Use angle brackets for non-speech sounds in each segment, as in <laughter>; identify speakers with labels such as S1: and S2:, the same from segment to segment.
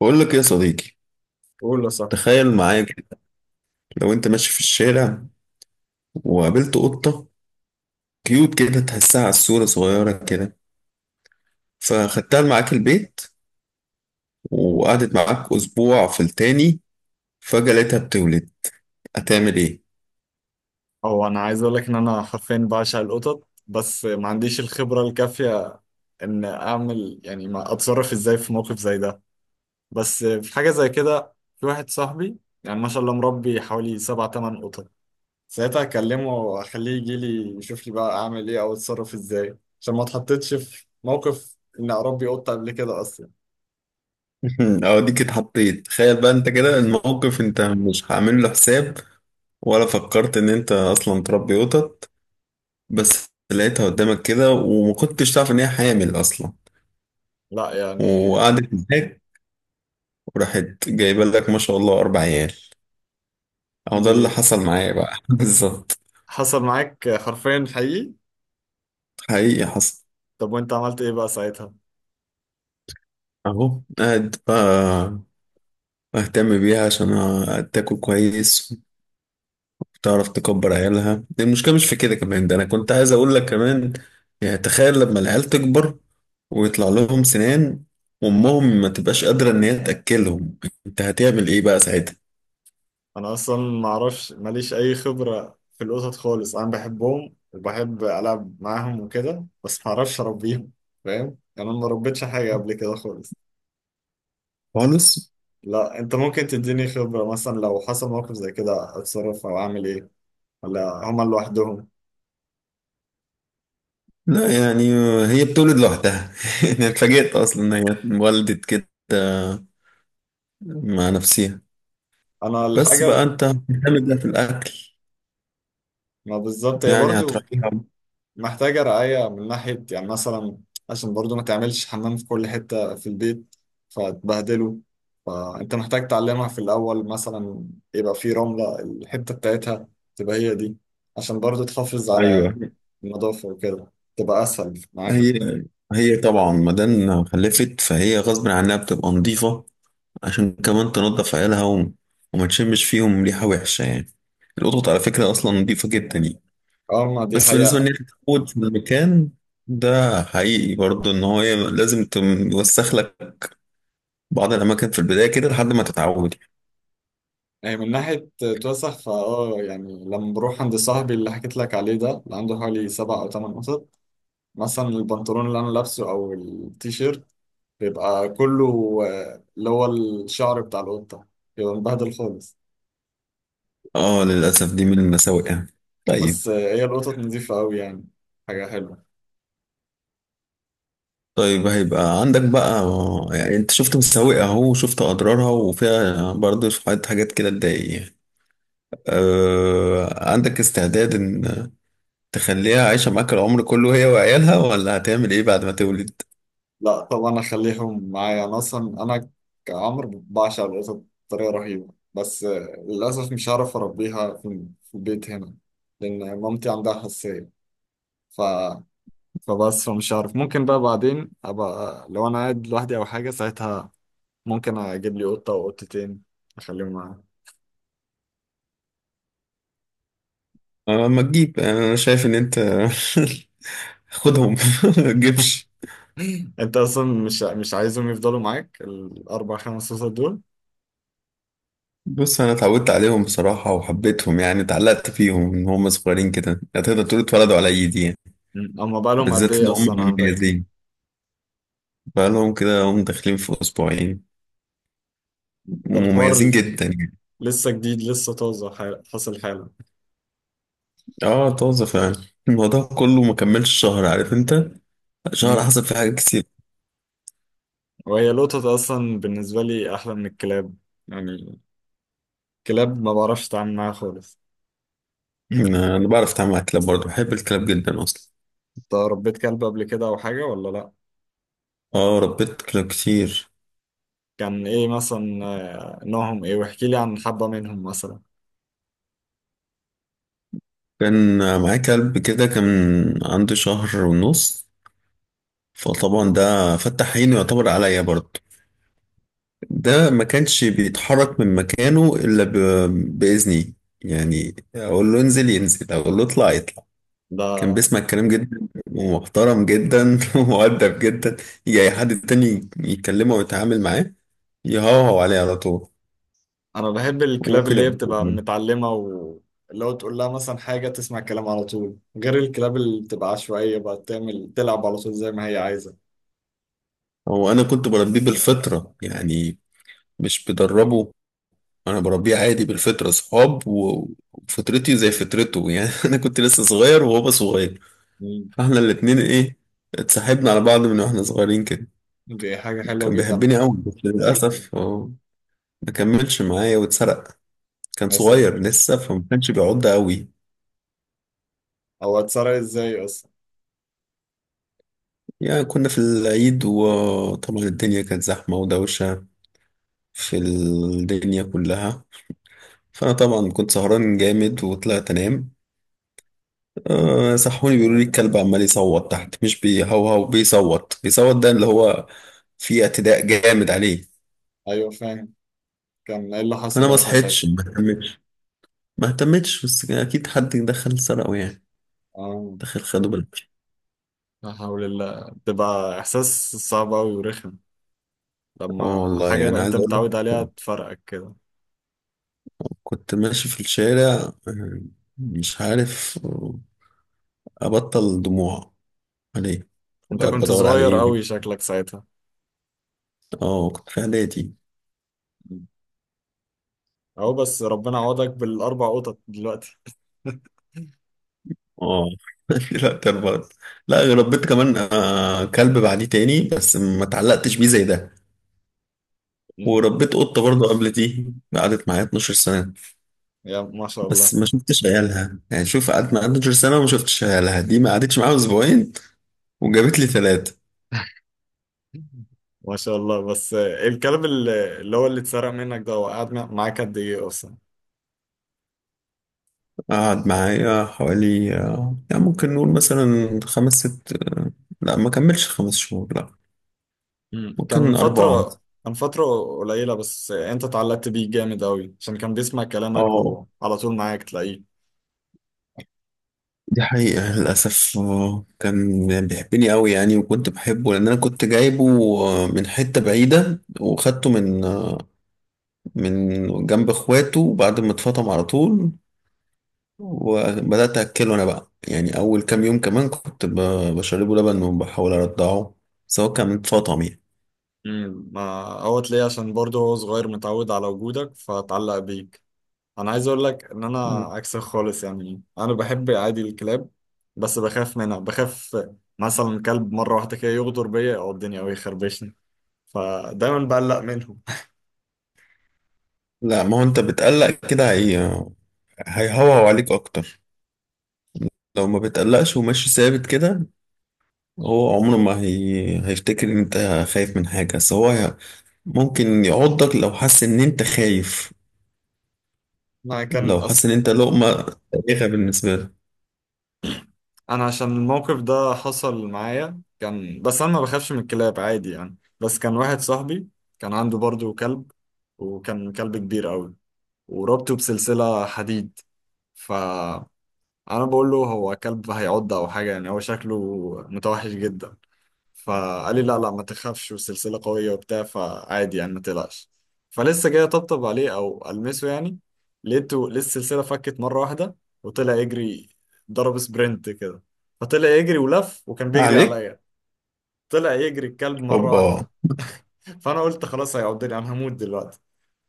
S1: بقول لك يا صديقي.
S2: قول يا صاحبي.
S1: تخيل معايا كده. لو انت ماشي في الشارع وقابلت قطة كيوت كده، تحسها على الصورة صغيرة كده، فخدتها معاك البيت وقعدت معاك أسبوع، في التاني فجأة لقيتها بتولد. هتعمل ايه؟
S2: هو انا عايز اقول لك ان انا حرفيا بعشق القطط، بس ما عنديش الخبره الكافيه ان اعمل، يعني ما اتصرف ازاي في موقف زي ده. بس في حاجه زي كده، في واحد صاحبي يعني ما شاء الله مربي حوالي سبع تمن قطط. ساعتها اكلمه واخليه يجي لي يشوف لي بقى اعمل ايه او اتصرف ازاي، عشان ما اتحطيتش في موقف ان اربي قطه قبل كده اصلا.
S1: <laughs> أوديك اتحطيت. تخيل بقى انت كده الموقف، انت مش هعمل له حساب ولا فكرت ان انت أصلا تربي قطط، بس لقيتها قدامك كده وما كنتش تعرف ان هي حامل أصلا.
S2: لا يعني.
S1: وقعدت معاك وراحت جايبه لك ما شاء الله أربع عيال. أو ده
S2: دي.
S1: اللي حصل معايا بقى. <laughs> بالظبط،
S2: حصل معاك حرفيا، حقيقي.
S1: حقيقي حصل.
S2: طب وانت عملت ايه بقى ساعتها؟
S1: أهو قاعد بقى أهتم بيها عشان تاكل كويس وتعرف تكبر عيالها. المشكلة مش في كده كمان، ده أنا كنت عايز أقول لك كمان. يعني تخيل لما العيال تكبر ويطلع لهم سنان وأمهم ما تبقاش قادرة إن هي تأكلهم، أنت هتعمل إيه بقى ساعتها؟
S2: انا اصلا ما اعرفش، ماليش اي خبره في القطط خالص، انا بحبهم وبحب العب معاهم وكده، بس ما اعرفش اربيهم. فاهم؟ يعني انا ما ربيتش حاجه قبل كده خالص.
S1: خالص؟
S2: لا، انت ممكن تديني خبره مثلا لو حصل موقف زي كده اتصرف او اعمل ايه، ولا هما لوحدهم؟
S1: لا يعني، هي بتولد لوحدها. <laughs> أنا اتفاجئت أصلا إن هي اتولدت كده مع نفسها.
S2: انا
S1: بس
S2: الحاجه
S1: بقى انت هتعمل ده في الاكل،
S2: ما بالظبط، هي
S1: يعني
S2: برضو
S1: هتراعيها.
S2: محتاجة رعاية من ناحية، يعني مثلا عشان برضو ما تعملش حمام في كل حتة في البيت فتبهدله، فأنت محتاج تعلمها في الأول، مثلا يبقى في رملة الحتة بتاعتها، تبقى هي دي، عشان برضو تحافظ على
S1: ايوه.
S2: النظافة، وكده تبقى أسهل معاك.
S1: هي هي طبعا مادام خلفت فهي غصب عنها بتبقى نظيفه عشان كمان تنظف عيالها وما تشمش فيهم ريحه وحشه يعني. القطط على فكره اصلا نظيفه جدا يعني.
S2: اه، ما دي
S1: بس بالنسبه ان
S2: حقيقة.
S1: هي تتعود في المكان، ده حقيقي برضه ان هو لازم توسخ لك بعض الاماكن في البدايه كده لحد ما تتعود.
S2: يعني من ناحية توسخ، فاه يعني لما بروح عند صاحبي اللي حكيت لك عليه، ده اللي عنده حوالي سبع أو تمن قطط، مثلا البنطلون اللي أنا لابسه أو التيشيرت بيبقى كله، اللي هو الشعر بتاع القطة، بيبقى مبهدل خالص.
S1: اه، للاسف دي من المساوئ يعني. طيب.
S2: بس هي القطط نظيفة أوي يعني، حاجة حلوة.
S1: طيب هيبقى عندك بقى. يعني انت شفت مساوئ اهو، شفت اضرارها، وفيها برضه شوية حاجات كده تضايق يعني. أه، عندك استعداد ان تخليها عايشة معاك العمر كله هي وعيالها، ولا هتعمل ايه بعد ما تولد؟
S2: لا طبعا أخليهم معايا. أنا أصلا. أنا كعمر بعشق القطط بطريقة رهيبة، بس للأسف مش هعرف أربيها في البيت هنا لأن مامتي عندها حساسية. ف... فمش عارف، ممكن بقى بعدين أبقى لو أنا قاعد لوحدي أو حاجة ساعتها، ممكن أجيب لي قطة أو قطتين، أخليهم معايا.
S1: أه، ما تجيب. انا شايف ان انت <laughs> خدهم. <laughs> ما تجيبش.
S2: انت اصلا مش عايزهم يفضلوا معاك الاربع خمس قصص دول؟
S1: بص، انا اتعودت عليهم بصراحة وحبيتهم، يعني اتعلقت فيهم ان هم صغيرين كده. هتقدر تقول اتولدوا على ايدي يعني،
S2: مم. اما بقى لهم قد
S1: بالذات ان
S2: ايه اصلا
S1: هم
S2: عندك؟
S1: مميزين. بقالهم كده هم داخلين في اسبوعين.
S2: ده الحوار
S1: مميزين جدا يعني.
S2: لسه جديد، لسه طازه، حاصل حالا.
S1: اه، طازة فعلا. الموضوع كله ما كملش شهر، عارف انت، شهر
S2: مم.
S1: حصل فيه حاجات كتير.
S2: وهي القطط اصلا بالنسبه لي احلى من الكلاب، يعني الكلاب ما بعرفش اتعامل معاها خالص.
S1: أنا بعرف اتعامل مع الكلاب برضه. بحب الكلاب جدا اصلا.
S2: انت ربيت كلب قبل كده او حاجه ولا لا؟
S1: اه، ربيت كلاب كتير.
S2: كان ايه مثلا، نوعهم ايه؟ واحكي لي عن حبه منهم مثلا.
S1: كان معايا كلب كده، كان عنده شهر ونص. فطبعا ده فتح عينه يعتبر عليا برضه. ده ما كانش بيتحرك من مكانه الا باذني. يعني اقول له انزل ينزل، اقول له اطلع يطلع. كان
S2: ده،
S1: بيسمع الكلام جدا ومحترم جدا <laughs> ومؤدب جدا. يجي أي حد تاني يتكلمه ويتعامل معاه، يهوهو عليه على طول.
S2: انا بحب الكلاب
S1: وممكن
S2: اللي هي
S1: يقول
S2: بتبقى
S1: له.
S2: متعلمه، واللي هو تقول لها مثلا حاجه تسمع الكلام على طول، غير الكلاب اللي بتبقى عشوائيه بقى تعمل تلعب على طول زي ما هي عايزه.
S1: هو أنا كنت بربيه بالفطرة يعني، مش بدربه. أنا بربيه عادي بالفطرة، صحاب، وفطرتي زي فطرته يعني. <laughs> أنا كنت لسه صغير وهو صغير،
S2: مم.
S1: فإحنا الاتنين إيه، اتصاحبنا على بعض من وإحنا صغيرين كده.
S2: دي حاجه حلوه
S1: كان
S2: جدا.
S1: بيحبني أوي بس للأسف هو ما كملش معايا واتسرق. كان
S2: يا
S1: صغير
S2: ساتر،
S1: لسه فما كانش بيعض قوي.
S2: هو اتسرق ازاي اصلا؟
S1: يعني كنا في العيد وطبعا الدنيا كانت زحمة ودوشة في الدنيا كلها، فأنا طبعا كنت سهران جامد وطلعت أنام. أه، صحوني بيقولوا لي الكلب عمال يصوت تحت، مش بيهوهو، بيصوت بيصوت، ده اللي هو فيه اعتداء جامد عليه.
S2: ايوه، فاهم. كان ايه اللي
S1: فأنا
S2: حصل
S1: ما
S2: اصلا ساعتها؟
S1: صحيتش، ما اهتمتش، ما اهتمتش. بس كان أكيد حد دخل سرقه يعني،
S2: اه،
S1: دخل خده بالعافية.
S2: لا حول الله، بتبقى احساس صعب قوي ورخم
S1: اه
S2: لما حاجه
S1: والله،
S2: بقى
S1: أنا
S2: انت
S1: عايز أقول لك،
S2: متعود عليها تفرقك كده.
S1: كنت ماشي في الشارع، مش عارف، أبطل دموع عليه
S2: انت
S1: وقاعد
S2: كنت
S1: بدور
S2: صغير
S1: عليه.
S2: قوي شكلك ساعتها.
S1: اه، كنت في اعدادي.
S2: مم. اهو بس ربنا عوضك بالاربع قطط دلوقتي.
S1: اه. <laughs> لا تربط. لا، ربيت كمان كلب بعديه تاني بس ما اتعلقتش بيه زي ده.
S2: <laughs>
S1: وربيت قطة برضه قبل دي، قعدت معايا 12 سنة.
S2: يا ما شاء
S1: بس
S2: الله.
S1: ما شفتش عيالها، يعني شوف، قعدت معايا 12 سنة وما شفتش عيالها. دي ما قعدتش معايا أسبوعين وجابت لي ثلاثة.
S2: ما شاء الله، بس الكلب اللي اتسرق منك ده، هو قعد معاك قد ايه اصلا؟
S1: قعد معايا حوالي، يعني ممكن نقول مثلا خمس ست، لا ما كملش خمس شهور، لا،
S2: مم. كان
S1: ممكن أربعة.
S2: فترة كان فترة قليلة، بس انت اتعلقت بيه جامد قوي عشان كان بيسمع كلامك
S1: اه،
S2: وعلى طول معاك تلاقيه.
S1: دي حقيقة للأسف. كان بيحبني أوي يعني، وكنت بحبه لأن أنا كنت جايبه من حتة بعيدة، وخدته من جنب إخواته بعد ما اتفطم على طول. وبدأت أكله أنا بقى، يعني أول كام يوم كمان كنت بشربه لبن وبحاول أرضعه سواء كان اتفطم يعني.
S2: مم. ما هو تلاقيه عشان برضه هو صغير متعود على وجودك فاتعلق بيك. انا عايز اقول لك ان انا
S1: مم.
S2: عكسك خالص، يعني انا بحب عادي الكلاب، بس بخاف منها، بخاف مثلا كلب مرة واحدة كده يغدر بيا او الدنيا او يخربشني، فدايما بقلق منهم.
S1: لا، ما هو أنت بتقلق كده، هي هيهوهو عليك أكتر. لو ما بتقلقش وماشي ثابت كده، هو عمره ما هيفتكر ان انت خايف من حاجة. بس هو ممكن يعضك لو حس ان انت خايف،
S2: <laughs> انا
S1: لو
S2: كان
S1: حس
S2: اصلا.
S1: ان انت لقمة تاريخة بالنسبة له.
S2: انا عشان الموقف ده حصل معايا، كان بس انا ما بخافش من الكلاب عادي يعني، بس كان واحد صاحبي كان عنده برضه كلب، وكان كلب كبير قوي وربطه بسلسلة حديد. فانا بقول له هو كلب هيعض او حاجة يعني، هو شكله متوحش جدا. فقال لي لا لا، ما تخافش، والسلسلة قوية وبتاع، فعادي يعني ما تقلقش. فلسه جاي اطبطب عليه او المسه يعني، لقيته لسه السلسلة فكت مرة واحدة وطلع يجري، ضرب سبرنت كده. فطلع يجري ولف وكان بيجري
S1: عليك،
S2: عليا. طلع يجري الكلب مرة
S1: هوبا.
S2: واحدة. فانا قلت خلاص هيعضني، انا هموت دلوقتي.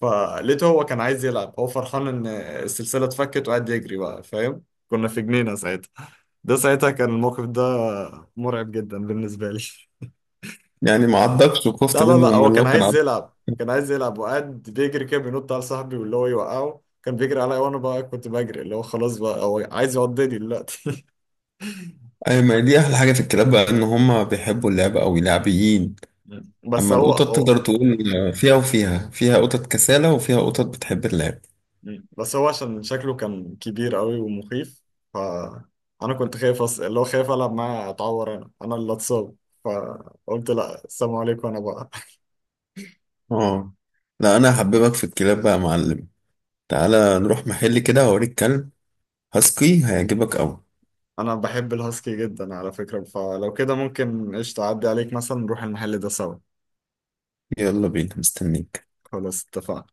S2: فلقيته هو كان عايز يلعب، هو فرحان ان السلسلة اتفكت وقعد يجري بقى، فاهم، كنا في جنينة ساعتها، ده ساعتها كان الموقف ده مرعب جدا بالنسبة لي.
S1: يعني ما عضكش، وخفت
S2: لا لا
S1: منه
S2: لا، هو
S1: من
S2: كان
S1: لو كان
S2: عايز
S1: عضك.
S2: يلعب، كان عايز يلعب وقعد بيجري كده بينط على صاحبي واللي هو يوقعه، كان بيجري عليا وانا بقى كنت بجري، اللي هو خلاص بقى هو عايز يقضيني دلوقتي.
S1: اي، ما دي احلى حاجة في الكلاب بقى، ان هما بيحبوا اللعبة قوي، لعبيين.
S2: <laughs> مم. بس
S1: اما
S2: هو
S1: القطط
S2: هو
S1: تقدر تقول فيها وفيها، فيها قطط كسالة وفيها قطط بتحب اللعب.
S2: مم. بس هو عشان شكله كان كبير قوي ومخيف، ف انا كنت خايف اللي هو خايف العب معاه اتعور، انا اللي اتصاب. فقلت لا، السلام عليكم، انا بقى.
S1: اه، لا انا هحببك في الكلاب بقى يا معلم. تعالى نروح محل كده هوريك كلب هاسكي، هيعجبك قوي.
S2: <laughs> انا بحب الهاسكي جدا على فكرة، فلو كده ممكن قشطة اعدي عليك مثلا نروح المحل ده سوا.
S1: يلا بينا، مستنيك.
S2: خلاص اتفقنا.